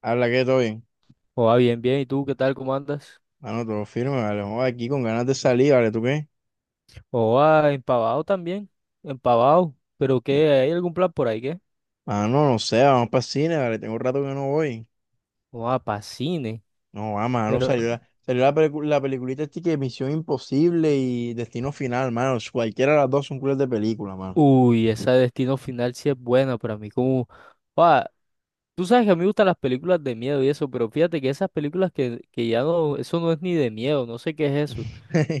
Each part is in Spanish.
Habla que todo bien. Oa, bien, bien. ¿Y tú qué tal? ¿Cómo andas? Mano, todo firme, vale. Vamos aquí con ganas de salir, vale. ¿Tú qué? Oa, empavado también. Empavado. ¿Pero No. qué? ¿Hay algún plan por ahí, qué? Mano, no sé, vamos para cine, vale. Tengo rato que no voy. Oa, pa' cine. No, va, mano, Pero, la peliculita este que Misión Imposible y Destino Final, mano. Cualquiera de las dos son culas de película, mano. uy, esa Destino Final sí es buena para mí. Como, oa, tú sabes que a mí me gustan las películas de miedo y eso, pero fíjate que esas películas que ya no, eso no es ni de miedo, no sé qué es eso.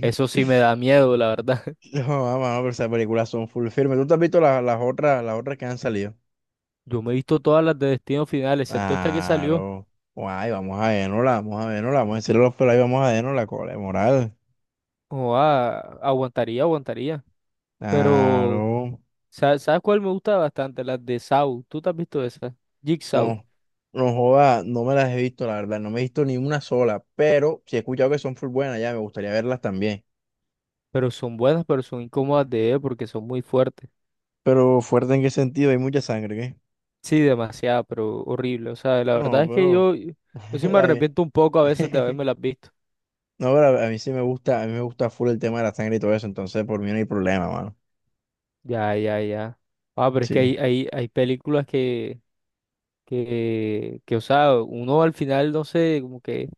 Eso sí me da miedo, la verdad. No, va, mano, pero esas películas son full firme. ¿Tú te has visto las otras que han salido? Yo me he visto todas las de Destino Final, excepto esta que salió. Claro. Guay, vamos a vernosla, vamos a vernosla, vamos a decirle a los pelos, ahí, vamos a vernos la cola de moral. Oa, aguantaría, aguantaría. Pero. Claro. ¿Sabes cuál me gusta bastante? Las de Saw. ¿Tú te has visto esas? Jigsaw. No, no joda, no me las he visto, la verdad, no me he visto ni una sola, pero sí he escuchado que son full buenas, ya me gustaría verlas también. Pero son buenas, pero son incómodas de ver porque son muy fuertes. Pero fuerte en qué sentido, hay mucha sangre, ¿qué? Sí, demasiado, pero horrible. O sea, la No, verdad es que pero yo sí me está bien. arrepiento un poco a veces de haberme las visto. No, pero a mí sí me gusta, a mí me gusta full el tema de la sangre y todo eso, entonces por mí no hay problema, mano. Ya, ya, ya. Ah, pero es que Sí. Hay películas que, o sea, uno al final, no sé,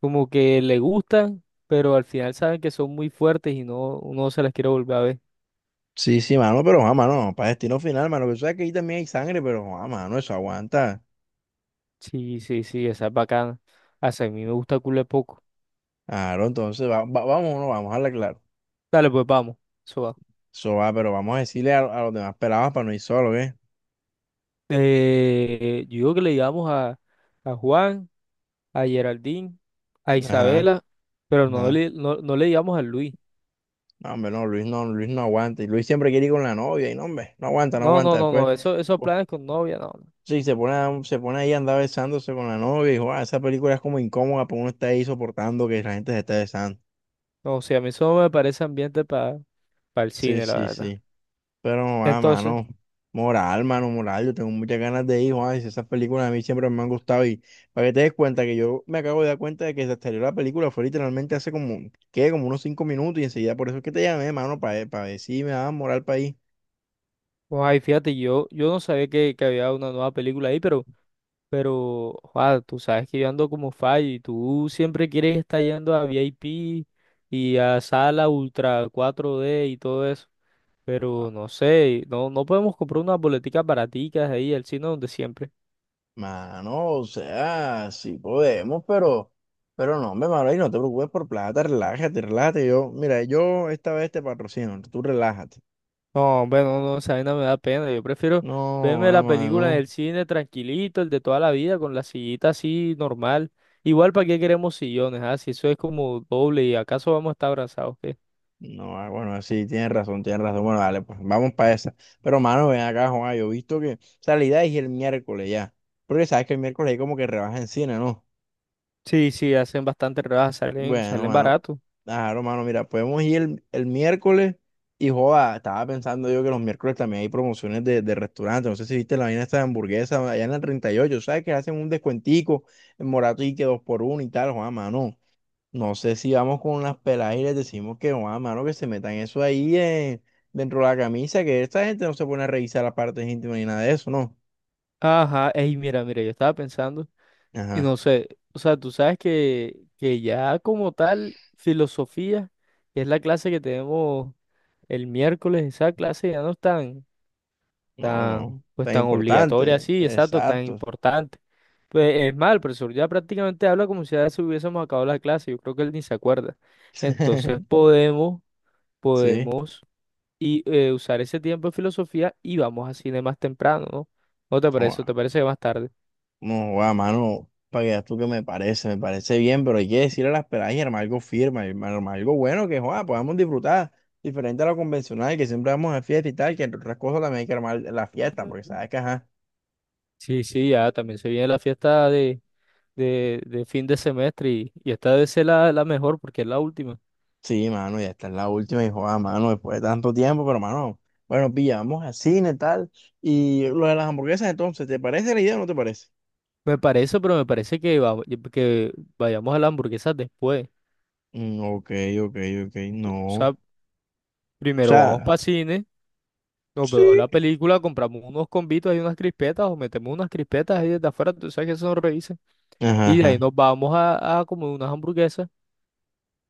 como que le gustan, pero al final saben que son muy fuertes y no, uno se las quiere volver a ver. Sí, sí, mano, pero ah, mano, para destino final, mano, que tú sabes que ahí también hay sangre, pero ah, mano, eso aguanta. Sí, sí, sí, esa es bacana. Hasta a mí me gusta culé poco. Claro, entonces vamos o no, vamos a hablar claro. Dale, pues vamos. Eso va. Eso va, pero vamos a decirle a los demás pelados para no ir solo, ¿qué? Yo digo que le digamos a Juan, a Geraldine, a Ajá. Isabela, pero Ajá. No le digamos a Luis. No, hombre, no, Luis no, Luis no aguanta. Y Luis siempre quiere ir con la novia, y no, hombre, no aguanta, no No, no, aguanta. no, Después, no. Eso, esos pues, planes con novia, no. Sí, se pone, se pone ahí a andar besándose con la novia, y dijo, ah, esa película es como incómoda, porque uno está ahí soportando que la gente se esté besando. No, o sea, a mí eso no me parece ambiente para el Sí, cine, la sí, verdad. sí. Pero no va, Entonces, mano. Moral, mano, moral. Yo tengo muchas ganas de ir, Juan. Y esas películas a mí siempre me han gustado. Y para que te des cuenta que yo me acabo de dar cuenta de que se salió la película, fue literalmente hace como, ¿qué? Como unos cinco minutos, y enseguida por eso es que te llamé, mano, para ver si me daban moral para ir. pues ahí fíjate, yo no sabía que había una nueva película ahí, pero, Juan, tú sabes que yo ando como fallo y tú siempre quieres estar yendo a VIP y a sala ultra 4D y todo eso. Pero no sé, no podemos comprar unas boleticas baraticas ahí al cine donde siempre. Mano, o sea, sí podemos, pero no, hombre, mano, y no te preocupes por plata, relájate, relájate. Yo, mira, yo esta vez te patrocino, tú relájate. No, bueno, no, no, esa vaina me da pena. Yo prefiero No, verme ah, la película en mano, el cine tranquilito, el de toda la vida, con la sillita así normal. Igual, ¿para qué queremos sillones? Ah, si eso es como doble y acaso vamos a estar abrazados, ¿qué? no, ah, bueno, ah, sí, tienes razón, tienes razón. Bueno, dale, pues vamos para esa. Pero, mano, ven acá, Juan, yo he visto que, o sea, la idea es ir el miércoles ya, porque sabes que el miércoles hay como que rebaja en cine, ¿no? Sí, sí, hacen bastante rebajas, salen, Bueno, salen mano, baratos. claro, mano, mira, podemos ir el miércoles y joda, estaba pensando yo que los miércoles también hay promociones de restaurantes, no sé si viste la vaina esta de hamburguesa allá en el treinta y ocho, ¿sabes? Que hacen un descuentico en Morato y que dos por uno y tal, joda, mano, no sé si vamos con las peladas y les decimos que, joda, mano, que se metan eso ahí dentro de la camisa, que esta gente no se pone a revisar las partes íntimas ni nada de eso, ¿no? Ajá, ey, mira, mira, yo estaba pensando. Y Ajá, no sé, o sea, tú sabes que ya como tal, filosofía, que es la clase que tenemos el miércoles, esa clase ya no es no, no, pues tan tan obligatoria importante, así, exacto, tan exacto, importante. Pues es mal, el profesor ya prácticamente habla como si ya se hubiésemos acabado la clase, yo creo que él ni se acuerda. Entonces sí. podemos usar ese tiempo de filosofía y vamos a cine más temprano, ¿no? ¿No te parece? ¿O te parece que más tarde? No, guau, mano, para que veas tú que me parece bien, pero hay que decirle a las peladas y armar algo firme, armar algo bueno que, joda, podamos disfrutar, diferente a lo convencional, que siempre vamos a fiesta y tal, que entre otras cosas también hay que armar la fiesta, porque sabes que, ajá, Sí, sí, ya también se viene la fiesta de fin de semestre y esta debe ser la, la mejor porque es la última. sí, mano, ya está es la última y, joda, mano, después de tanto tiempo, pero, mano, bueno, pilla, vamos al cine, tal, y lo de las hamburguesas, entonces, ¿te parece la idea o no te parece? Me parece, pero me parece que vayamos a las hamburguesas después. Mm, ok, ok, ok, no, O o sea, primero vamos sea, para cine, nos sí, vemos la película, compramos unos combitos y unas crispetas o metemos unas crispetas ahí desde afuera, tú sabes que eso nos revisa. ajá, Y de ahí ajá. nos vamos a comer unas hamburguesas.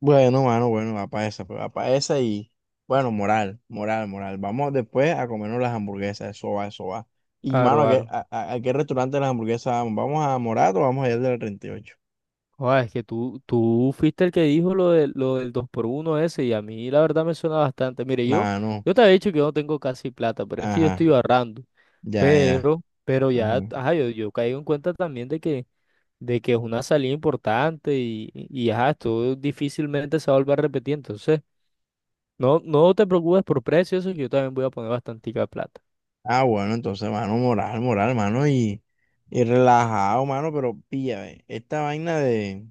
Bueno, mano, bueno, va para esa, pues va para esa y bueno, moral, moral, moral. Vamos después a comernos las hamburguesas, eso va, eso va. Y mano, Aro, ¿a qué, aro. a, a qué restaurante de las hamburguesas vamos? ¿Vamos a Morato o vamos a ir del treinta y ocho? Joder, es que tú fuiste el que dijo lo del dos por uno ese y a mí la verdad me suena bastante. Mire, Mano, yo te había dicho que yo no tengo casi plata, pero es que yo ajá, estoy ahorrando. ya, ya. Pero ya, Ajá. ajá, yo caigo en cuenta también de que es una salida importante y ajá, esto difícilmente se va a volver a repetir. Entonces, no te preocupes por precios, eso que yo también voy a poner bastantica plata. Ah, bueno, entonces, mano, moral, moral, mano, y relajado, mano, pero pilla, ve, esta vaina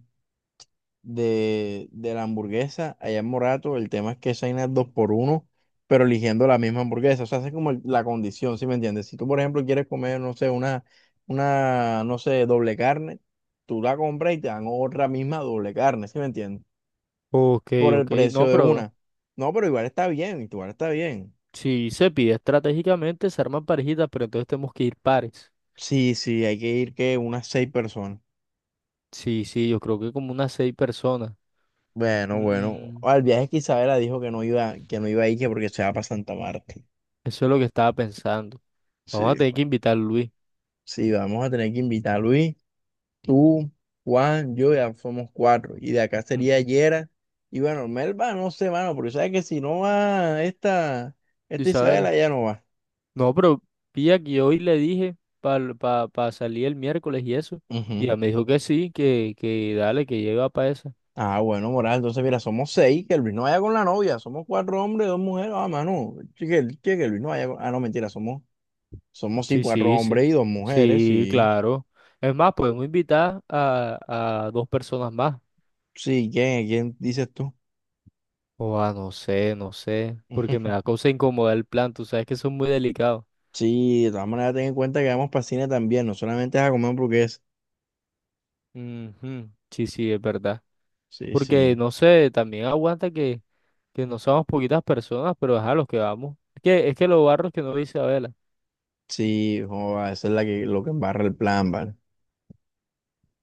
de la hamburguesa allá en Morato. El tema es que esa vaina es dos por uno, pero eligiendo la misma hamburguesa. O sea, esa es como la condición, ¿sí me entiendes? Si tú, por ejemplo, quieres comer, no sé, una, no sé, doble carne, tú la compras y te dan otra misma doble carne, ¿sí me entiendes? Ok, Por el ok, precio no, de pero una. No, pero igual está bien, igual está bien. si se pide estratégicamente, se arman parejitas, pero entonces tenemos que ir pares. Sí, sí, hay que ir que unas seis personas. Sí, sí, yo creo que como unas seis personas. Bueno, bueno. Mm, Al viaje que Isabela dijo que no iba a ir, que porque se va para Santa Marta. eso es lo que estaba pensando. Vamos a Sí. tener que invitar a Luis. Sí, vamos a tener que invitar a Luis. Tú, Juan, yo ya somos cuatro. Y de acá sería Ujú. Yera. Y bueno, Melba, no sé, mano, porque sabes que si no va esta, esta Isabela. Isabela, ya no va. No, pero pilla que hoy le dije para pa, pa salir el miércoles y eso. Y Ujú. ya me dijo que sí, que dale, que llega para esa. Ah, bueno, Moral, entonces mira, somos seis, que Luis no vaya con la novia, somos cuatro hombres, dos mujeres, ah, mano, che, que Luis no vaya con... Ah, no, mentira, somos, somos sí, Sí, cuatro sí, sí. hombres y dos mujeres, Sí, sí. claro. Es más, podemos invitar a dos personas más. Sí, ¿quién, quién dices tú? O a no sé, no sé. Porque me da cosa incomodar el plan. Tú sabes que son muy delicados. Sí, de todas maneras ten en cuenta que vamos para cine también, no solamente es a comer hamburguesas. Ujú. Sí, sí, es verdad. Sí, Porque sí. no sé, también aguanta que no somos poquitas personas, pero ajá, los que vamos. Que, es que lo barro es que no dice Abela. Sí, joda, esa es la que, lo que embarra el plan, ¿vale?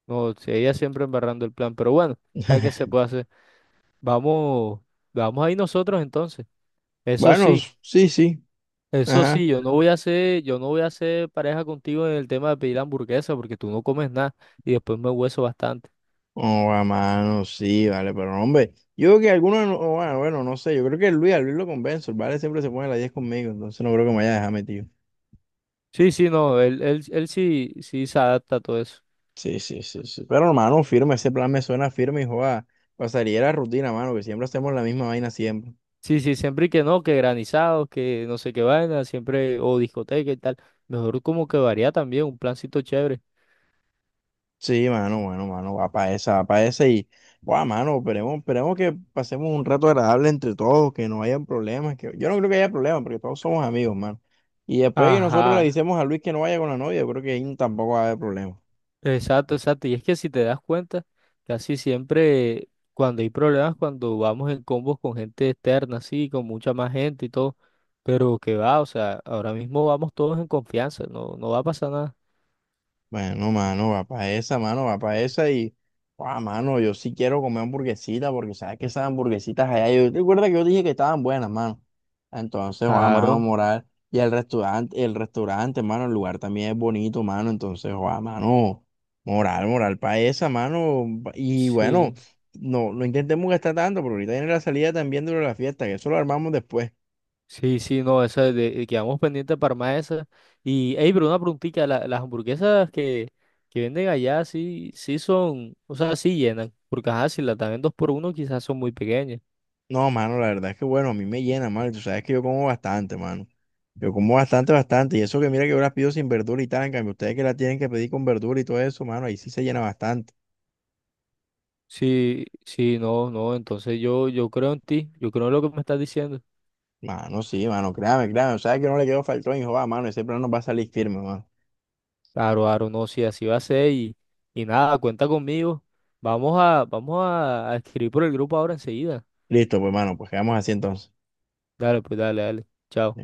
No, sí, ella siempre embarrando el plan, pero bueno, ya que se puede hacer, vamos, vamos ahí nosotros entonces. Eso Bueno, sí, sí, sí, eso ajá. sí, yo no voy a hacer pareja contigo en el tema de pedir hamburguesa porque tú no comes nada y después me hueso bastante. Oh, a mano, sí, vale, pero no, hombre, yo creo que algunos, oh, bueno, bueno, no sé, yo creo que Luis, al Luis lo convenzo, el ¿vale? Siempre se pone a las 10 conmigo, entonces no creo que me vaya a dejar metido. Sí, sí, no, él sí, sí se adapta a todo eso. Sí, sí, sí, sí. Pero hermano, firme, ese plan me suena firme y joda, pasaría la rutina, mano, que siempre hacemos la misma vaina siempre. Sí, sí, siempre y que no, que granizados, que no sé qué vaina, siempre, o discoteca y tal. Mejor como que varía también, un plancito chévere. Sí, mano, mano, mano, va para esa y, guau, mano, esperemos, esperemos que pasemos un rato agradable entre todos, que no hayan problemas, que yo no creo que haya problemas, porque todos somos amigos, mano. Y después de que nosotros le Ajá. decimos a Luis que no vaya con la novia, yo creo que ahí tampoco va a haber problemas. Exacto, exacto. Y es que si te das cuenta, casi siempre cuando hay problemas, cuando vamos en combos con gente externa, así, con mucha más gente y todo, pero que va, o sea, ahora mismo vamos todos en confianza, no, no va a pasar nada. Bueno, mano, va para esa, mano, va para esa y, ah, mano, yo sí quiero comer hamburguesita porque sabes que esas hamburguesitas allá, yo te acuerdas que yo dije que estaban buenas, mano. Entonces, ah, mano, Claro, moral. Y el restaurante, mano, el lugar también es bonito, mano. Entonces, ah, mano, moral, moral para esa, mano. Y bueno, sí, no, no intentemos gastar tanto, porque ahorita viene la salida también de lo de la fiesta, que eso lo armamos después. sí, sí, no, esa quedamos pendientes para más esa. Y, hey, pero una preguntita, las hamburguesas que venden allá, sí, sí son, o sea, sí llenan, porque ajá, si las dan en dos por uno, quizás son muy pequeñas. No, mano, la verdad es que bueno, a mí me llena, mano. Y tú sabes que yo como bastante, mano. Yo como bastante, bastante. Y eso que mira que yo las pido sin verdura y tal. En cambio, ustedes que la tienen que pedir con verdura y todo eso, mano, ahí sí se llena bastante. Sí, sí, no, no, entonces yo creo en ti, yo creo en lo que me estás diciendo. Mano, sí, mano, créame, créame. O sea que no le quedó faltón, hijo, va, mano. Ese plano nos va a salir firme, mano. Claro, claro, no, sí, así va a ser y nada, cuenta conmigo. A escribir por el grupo ahora enseguida. Listo, pues, mano, pues quedamos así entonces. Dale, pues dale, dale. Chao.